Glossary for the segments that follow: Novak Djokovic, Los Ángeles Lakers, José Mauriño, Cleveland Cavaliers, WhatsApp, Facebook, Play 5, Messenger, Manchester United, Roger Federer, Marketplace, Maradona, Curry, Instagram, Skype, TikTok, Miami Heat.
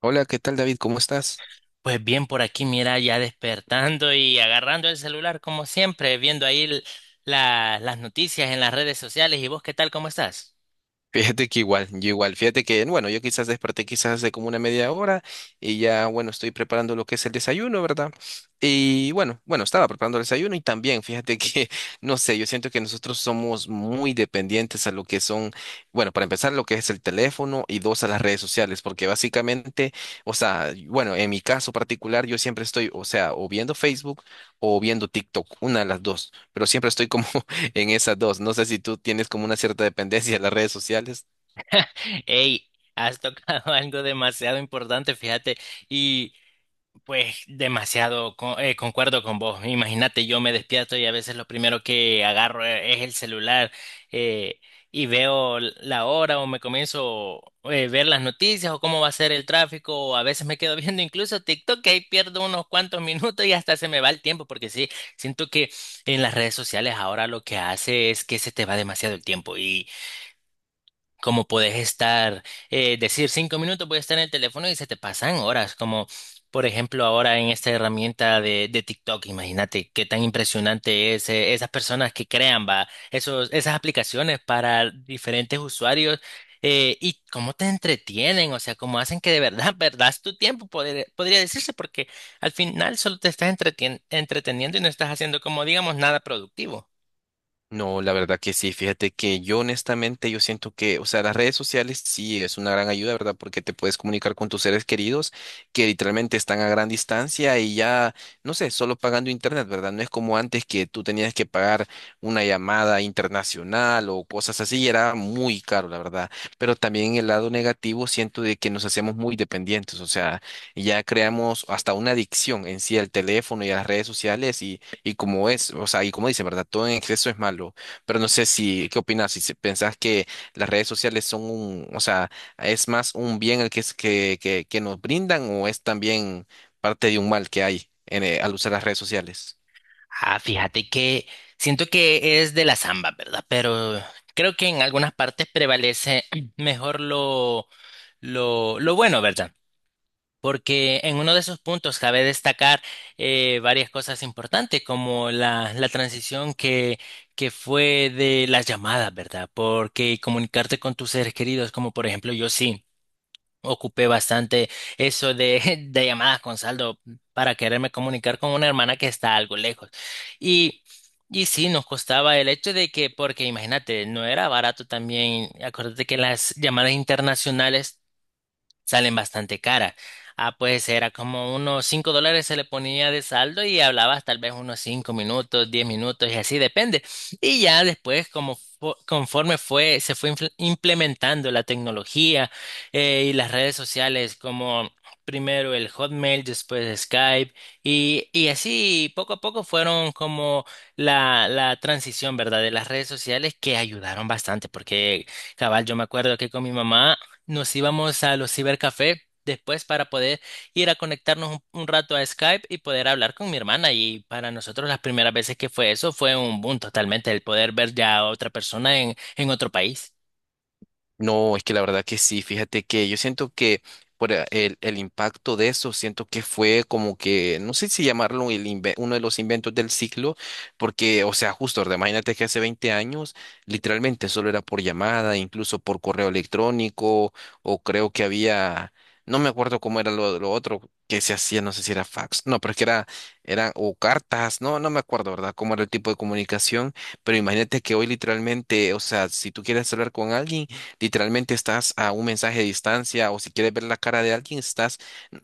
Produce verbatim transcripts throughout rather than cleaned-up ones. Hola, ¿qué tal David? ¿Cómo estás? Pues bien, por aquí, mira, ya despertando y agarrando el celular como siempre, viendo ahí l- la- las noticias en las redes sociales. ¿Y vos qué tal? ¿Cómo estás? Fíjate que igual, yo igual, fíjate que, bueno, yo quizás desperté quizás hace como una media hora y ya, bueno, estoy preparando lo que es el desayuno, ¿verdad? Y bueno, bueno, estaba preparando el desayuno y también, fíjate que, no sé, yo siento que nosotros somos muy dependientes a lo que son, bueno, para empezar, lo que es el teléfono y dos, a las redes sociales, porque básicamente, o sea, bueno, en mi caso particular, yo siempre estoy, o sea, o viendo Facebook o viendo TikTok, una de las dos, pero siempre estoy como en esas dos. No sé si tú tienes como una cierta dependencia de las redes sociales. Ey, has tocado algo demasiado importante, fíjate. Pues demasiado, co- eh, concuerdo con vos. Imagínate, yo me despierto y a veces lo primero que agarro e- es el celular eh, y veo l- la hora o me comienzo a ver las noticias o cómo va a ser el tráfico o a veces me quedo viendo incluso TikTok, que ahí pierdo unos cuantos minutos y hasta se me va el tiempo, porque sí, siento que en las redes sociales ahora lo que hace es que se te va demasiado el tiempo, como puedes estar, eh, decir cinco minutos, puedes estar en el teléfono y se te pasan horas, como por ejemplo ahora en esta herramienta de, de TikTok. Imagínate qué tan impresionante es, eh, esas personas que crean, va, esos, esas aplicaciones para diferentes usuarios, eh, y cómo te entretienen, o sea, cómo hacen que de verdad perdas tu tiempo, podría, podría decirse, porque al final solo te estás entretien- entreteniendo y no estás haciendo, como digamos, nada productivo. No, la verdad que sí. Fíjate que yo honestamente yo siento que, o sea, las redes sociales sí es una gran ayuda, ¿verdad? Porque te puedes comunicar con tus seres queridos que literalmente están a gran distancia y ya, no sé, solo pagando internet, ¿verdad? No es como antes que tú tenías que pagar una llamada internacional o cosas así y era muy caro, la verdad. Pero también el lado negativo siento de que nos hacemos muy dependientes, o sea, ya creamos hasta una adicción en sí al teléfono y a las redes sociales y como es, o sea, y como dice, ¿verdad? Todo en exceso es malo. Pero no sé si, ¿qué opinas? Si se- pensás que las redes sociales son un, o sea, es más un bien el que, es- que, que, que nos brindan o es también parte de un mal que hay en, eh, al usar las redes sociales. Ah, fíjate que siento que es de la samba, ¿verdad? Pero creo que en algunas partes prevalece mejor lo, lo, lo bueno, ¿verdad? Porque en uno de esos puntos cabe destacar, eh, varias cosas importantes, como la, la transición que, que fue de las llamadas, ¿verdad? Porque comunicarte con tus seres queridos, como por ejemplo, yo sí ocupé bastante eso de, de llamadas con saldo para quererme comunicar con una hermana que está algo lejos. Y, y sí, nos costaba el hecho de que, porque imagínate, no era barato también. Acuérdate que las llamadas internacionales salen bastante cara. Ah, pues era como unos cinco dólares se le ponía de saldo y hablabas tal vez unos cinco minutos, diez minutos y así depende. Y ya después, como fu- conforme fue, se fue infl- implementando la tecnología, eh, y las redes sociales, como primero el Hotmail, después Skype, y, y así poco a poco fueron como la, la transición, ¿verdad? De las redes sociales, que ayudaron bastante porque... Cabal, yo me acuerdo que con mi mamá nos íbamos a los cibercafé después para poder ir a conectarnos un, un rato a Skype y poder hablar con mi hermana. Y para nosotros las primeras veces que fue eso fue un boom totalmente, el poder ver ya a otra persona en, en otro país. No, es que la verdad que sí, fíjate que yo siento que por a- el, el impacto de eso, siento que fue como que, no sé si llamarlo el inve- uno de los inventos del siglo, porque, o sea, justo, ¿verdad? Imagínate que hace veinte años literalmente solo era por llamada, incluso por correo electrónico, o creo que había, no me acuerdo cómo era lo, lo otro que se hacía, no sé si era fax, no, pero es que era, era, o cartas, no, no me acuerdo, ¿verdad? Cómo era el tipo de comunicación, pero imagínate que hoy literalmente, o sea, si tú quieres hablar con alguien, literalmente estás a un mensaje de distancia o si quieres ver la cara de alguien, estás,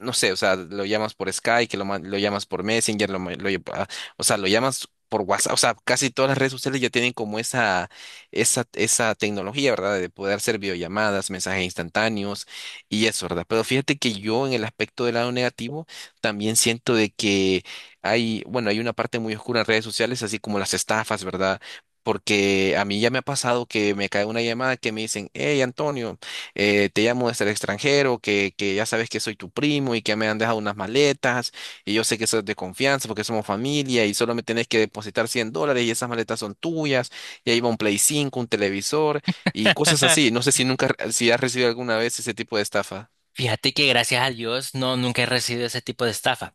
no sé, o sea, lo llamas por Skype, que lo, ma- lo llamas por Messenger, lo, ma- lo lle- ah, o sea, lo llamas por WhatsApp, o sea, casi todas las redes sociales ya tienen como esa, esa, esa tecnología, ¿verdad? De poder hacer videollamadas, mensajes instantáneos y eso, ¿verdad? Pero fíjate que yo en el aspecto del lado negativo también siento de que hay, bueno, hay una parte muy oscura en redes sociales, así como las estafas, ¿verdad? Porque a mí ya me ha pasado que me cae una llamada que me dicen, hey Antonio, eh, te llamo desde el extranjero, que, que ya sabes que soy tu primo y que me han dejado unas maletas y yo sé que sos de confianza porque somos familia y solo me tenés que depositar cien dólares y esas maletas son tuyas y ahí va un Play cinco, un televisor y cosas así. No sé si nunca, si has recibido alguna vez ese tipo de estafa. Fíjate que, gracias a Dios, no, nunca he recibido ese tipo de estafa,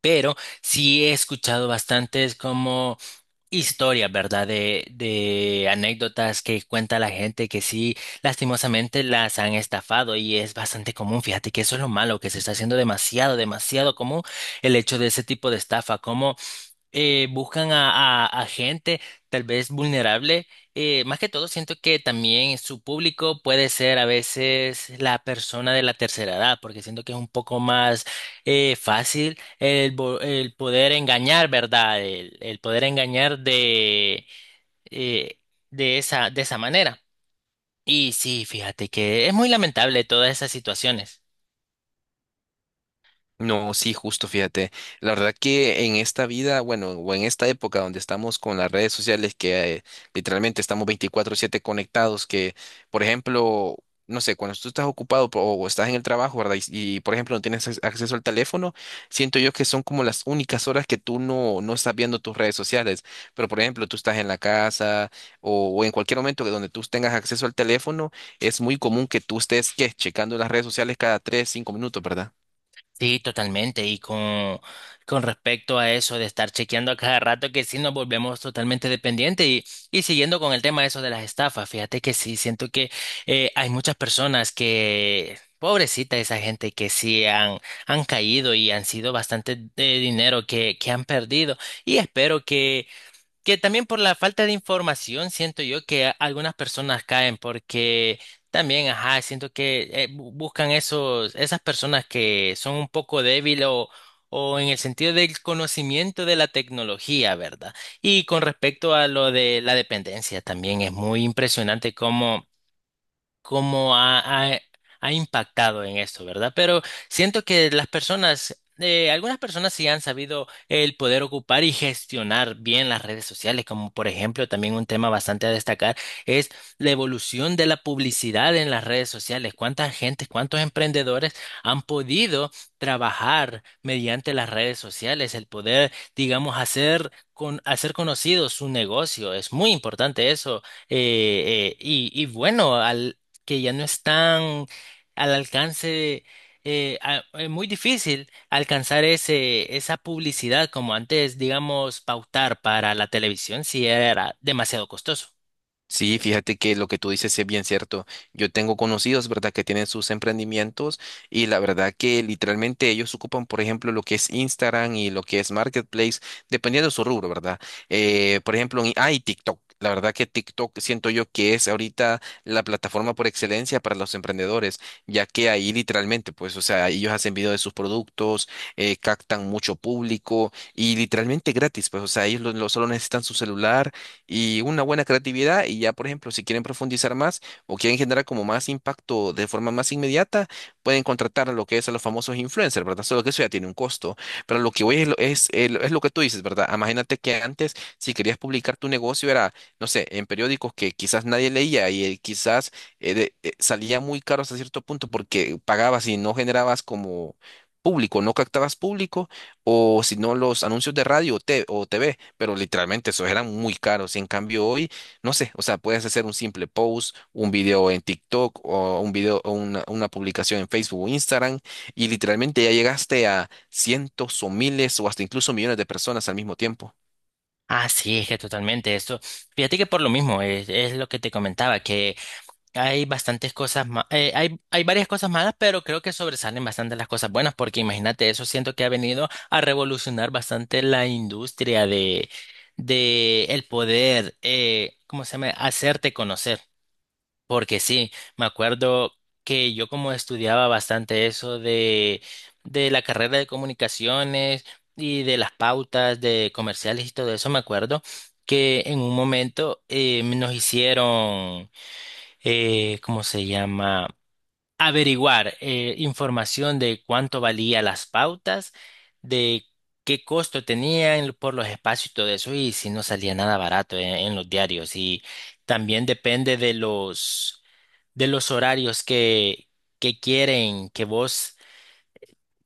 pero sí he escuchado bastantes como historias, ¿verdad? De, de anécdotas que cuenta la gente que sí, lastimosamente las han estafado, y es bastante común. Fíjate que eso es lo malo, que se está haciendo demasiado, demasiado común el hecho de ese tipo de estafa. Eh, buscan a, a- a gente tal vez vulnerable. Eh, más que todo, siento que también su público puede ser a veces la persona de la tercera edad, porque siento que es un poco más, eh, fácil el, bo- el poder engañar, ¿verdad? El, el poder engañar de, eh, de esa, de esa manera. Y sí, fíjate que es muy lamentable todas esas situaciones. No, sí, justo, fíjate. La verdad que en esta vida, bueno, o en esta época donde estamos con las redes sociales, que eh, literalmente estamos veinticuatro siete conectados, que, por ejemplo, no sé, cuando tú estás ocupado po- o estás en el trabajo, ¿verdad? Y, y, por ejemplo, no tienes ac- acceso al teléfono, siento yo que son como las únicas horas que tú no, no estás viendo tus redes sociales. Pero, por ejemplo, tú estás en la casa o, o en cualquier momento que donde tú tengas acceso al teléfono, es muy común que tú estés, ¿qué? Checando las redes sociales cada tres, cinco minutos, ¿verdad? Sí, totalmente. Y con, con respecto a eso de estar chequeando a cada rato, que sí nos volvemos totalmente dependientes. Y, y siguiendo con el tema de eso de las estafas, fíjate que sí, siento que, eh, hay muchas personas que, pobrecita esa gente, que sí han, han caído y han sido bastante de dinero que, que han perdido. Y espero que también por la falta de información, siento yo que a- algunas personas caen porque también, ajá, siento que, eh, bu- buscan esos, esas personas que son un poco débiles o, o en el sentido del conocimiento de la tecnología, ¿verdad? Y con respecto a lo de la dependencia, también es muy impresionante cómo cómo ha, ha- ha impactado en esto, ¿verdad? Pero siento que las personas, eh, algunas personas sí han sabido el poder ocupar y gestionar bien las redes sociales, como por ejemplo, también un tema bastante a destacar es la evolución de la publicidad en las redes sociales. ¿Cuántas gentes, cuántos emprendedores han podido trabajar mediante las redes sociales, el poder, digamos, hacer con hacer conocido su negocio? Es muy importante eso. Eh, eh, y, y bueno, al, que ya no están al alcance. Eh, a- es muy difícil alcanzar ese, esa publicidad como antes. Digamos, pautar para la televisión, si era demasiado costoso. Sí, fíjate que lo que tú dices es bien cierto. Yo tengo conocidos, ¿verdad?, que tienen sus emprendimientos y la verdad que literalmente ellos ocupan, por ejemplo, lo que es Instagram y lo que es Marketplace, dependiendo de su rubro, ¿verdad? Eh, por ejemplo, en- ah, y TikTok. La verdad que TikTok siento yo que es ahorita la plataforma por excelencia para los emprendedores, ya que ahí literalmente, pues, o sea, ellos hacen video de sus productos, eh, captan mucho público y literalmente gratis, pues, o sea, ellos lo lo- solo necesitan su celular y una buena creatividad y ya, por ejemplo, si quieren profundizar más o quieren generar como más impacto de forma más inmediata, pueden contratar lo que es a los famosos influencers, ¿verdad? Solo que eso ya tiene un costo, pero lo que voy es, lo- es, el- es lo que tú dices, ¿verdad? Imagínate que antes, si querías publicar tu negocio, era, no sé, en periódicos que quizás nadie leía y eh, quizás eh, de- eh, salía muy caro hasta cierto punto porque pagabas y no generabas como público, no captabas público, o si no los anuncios de radio o te- o T V pero literalmente esos eran muy caros. Y en cambio hoy, no sé, o sea, puedes hacer un simple post, un video en TikTok o un video o una, una publicación en Facebook o Instagram y literalmente ya llegaste a cientos o miles o hasta incluso millones de personas al mismo tiempo. Ah, sí, es que totalmente esto. Fíjate que por lo mismo es, es lo que te comentaba. Hay bastantes cosas ma- eh, hay, hay varias cosas malas, pero creo que sobresalen bastante las cosas buenas, porque imagínate, eso siento que ha venido a revolucionar bastante la industria de, de el poder, eh, ¿cómo se llama? Hacerte conocer. Porque sí, me acuerdo que yo, como estudiaba bastante eso de, de la carrera de comunicaciones y de las pautas de comerciales y todo eso, me acuerdo que en un momento, eh, nos hicieron, eh, ¿cómo se llama? Averiguar, eh, información de cuánto valía las pautas, de qué costo tenían por los espacios y todo eso, y si no salía nada barato en, en los diarios. Y también depende de los, de los horarios que, que quieren que vos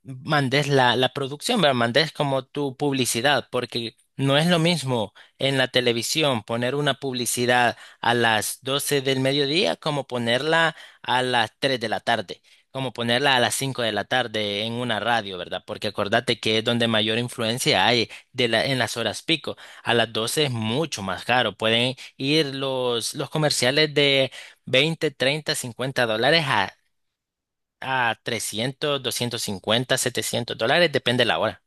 mandes la, la producción, ¿verdad? Mandes como tu publicidad, porque no es lo mismo en la televisión poner una publicidad a las doce del mediodía, como ponerla a las tres de la tarde, como ponerla a las cinco de la tarde en una radio, ¿verdad? Porque acordate que es donde mayor influencia hay de la, en las horas pico. A las doce es mucho más caro. Pueden ir los, los comerciales de veinte treinta cincuenta dólares a a trescientos doscientos cincuenta setecientos dólares, depende de la hora.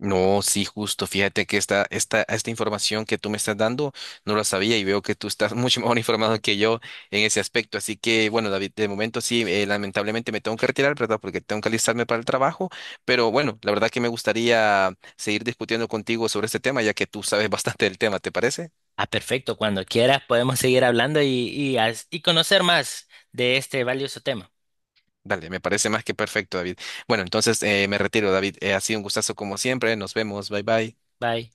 No, sí, justo. Fíjate que esta, esta, esta información que tú me estás dando no la sabía y veo que tú estás mucho mejor informado que yo en ese aspecto. Así que, bueno, David, de momento sí, eh, lamentablemente me tengo que retirar, ¿verdad? Porque tengo que alistarme para el trabajo. Pero bueno, la verdad que me gustaría seguir discutiendo contigo sobre este tema, ya que tú sabes bastante del tema, ¿te parece? Ah, perfecto, cuando quieras podemos seguir hablando y, y as- y conocer más de este valioso tema. Dale, me parece más que perfecto, David. Bueno, entonces eh, me retiro, David. Eh, ha sido un gustazo como siempre. Nos vemos. Bye bye. Bye.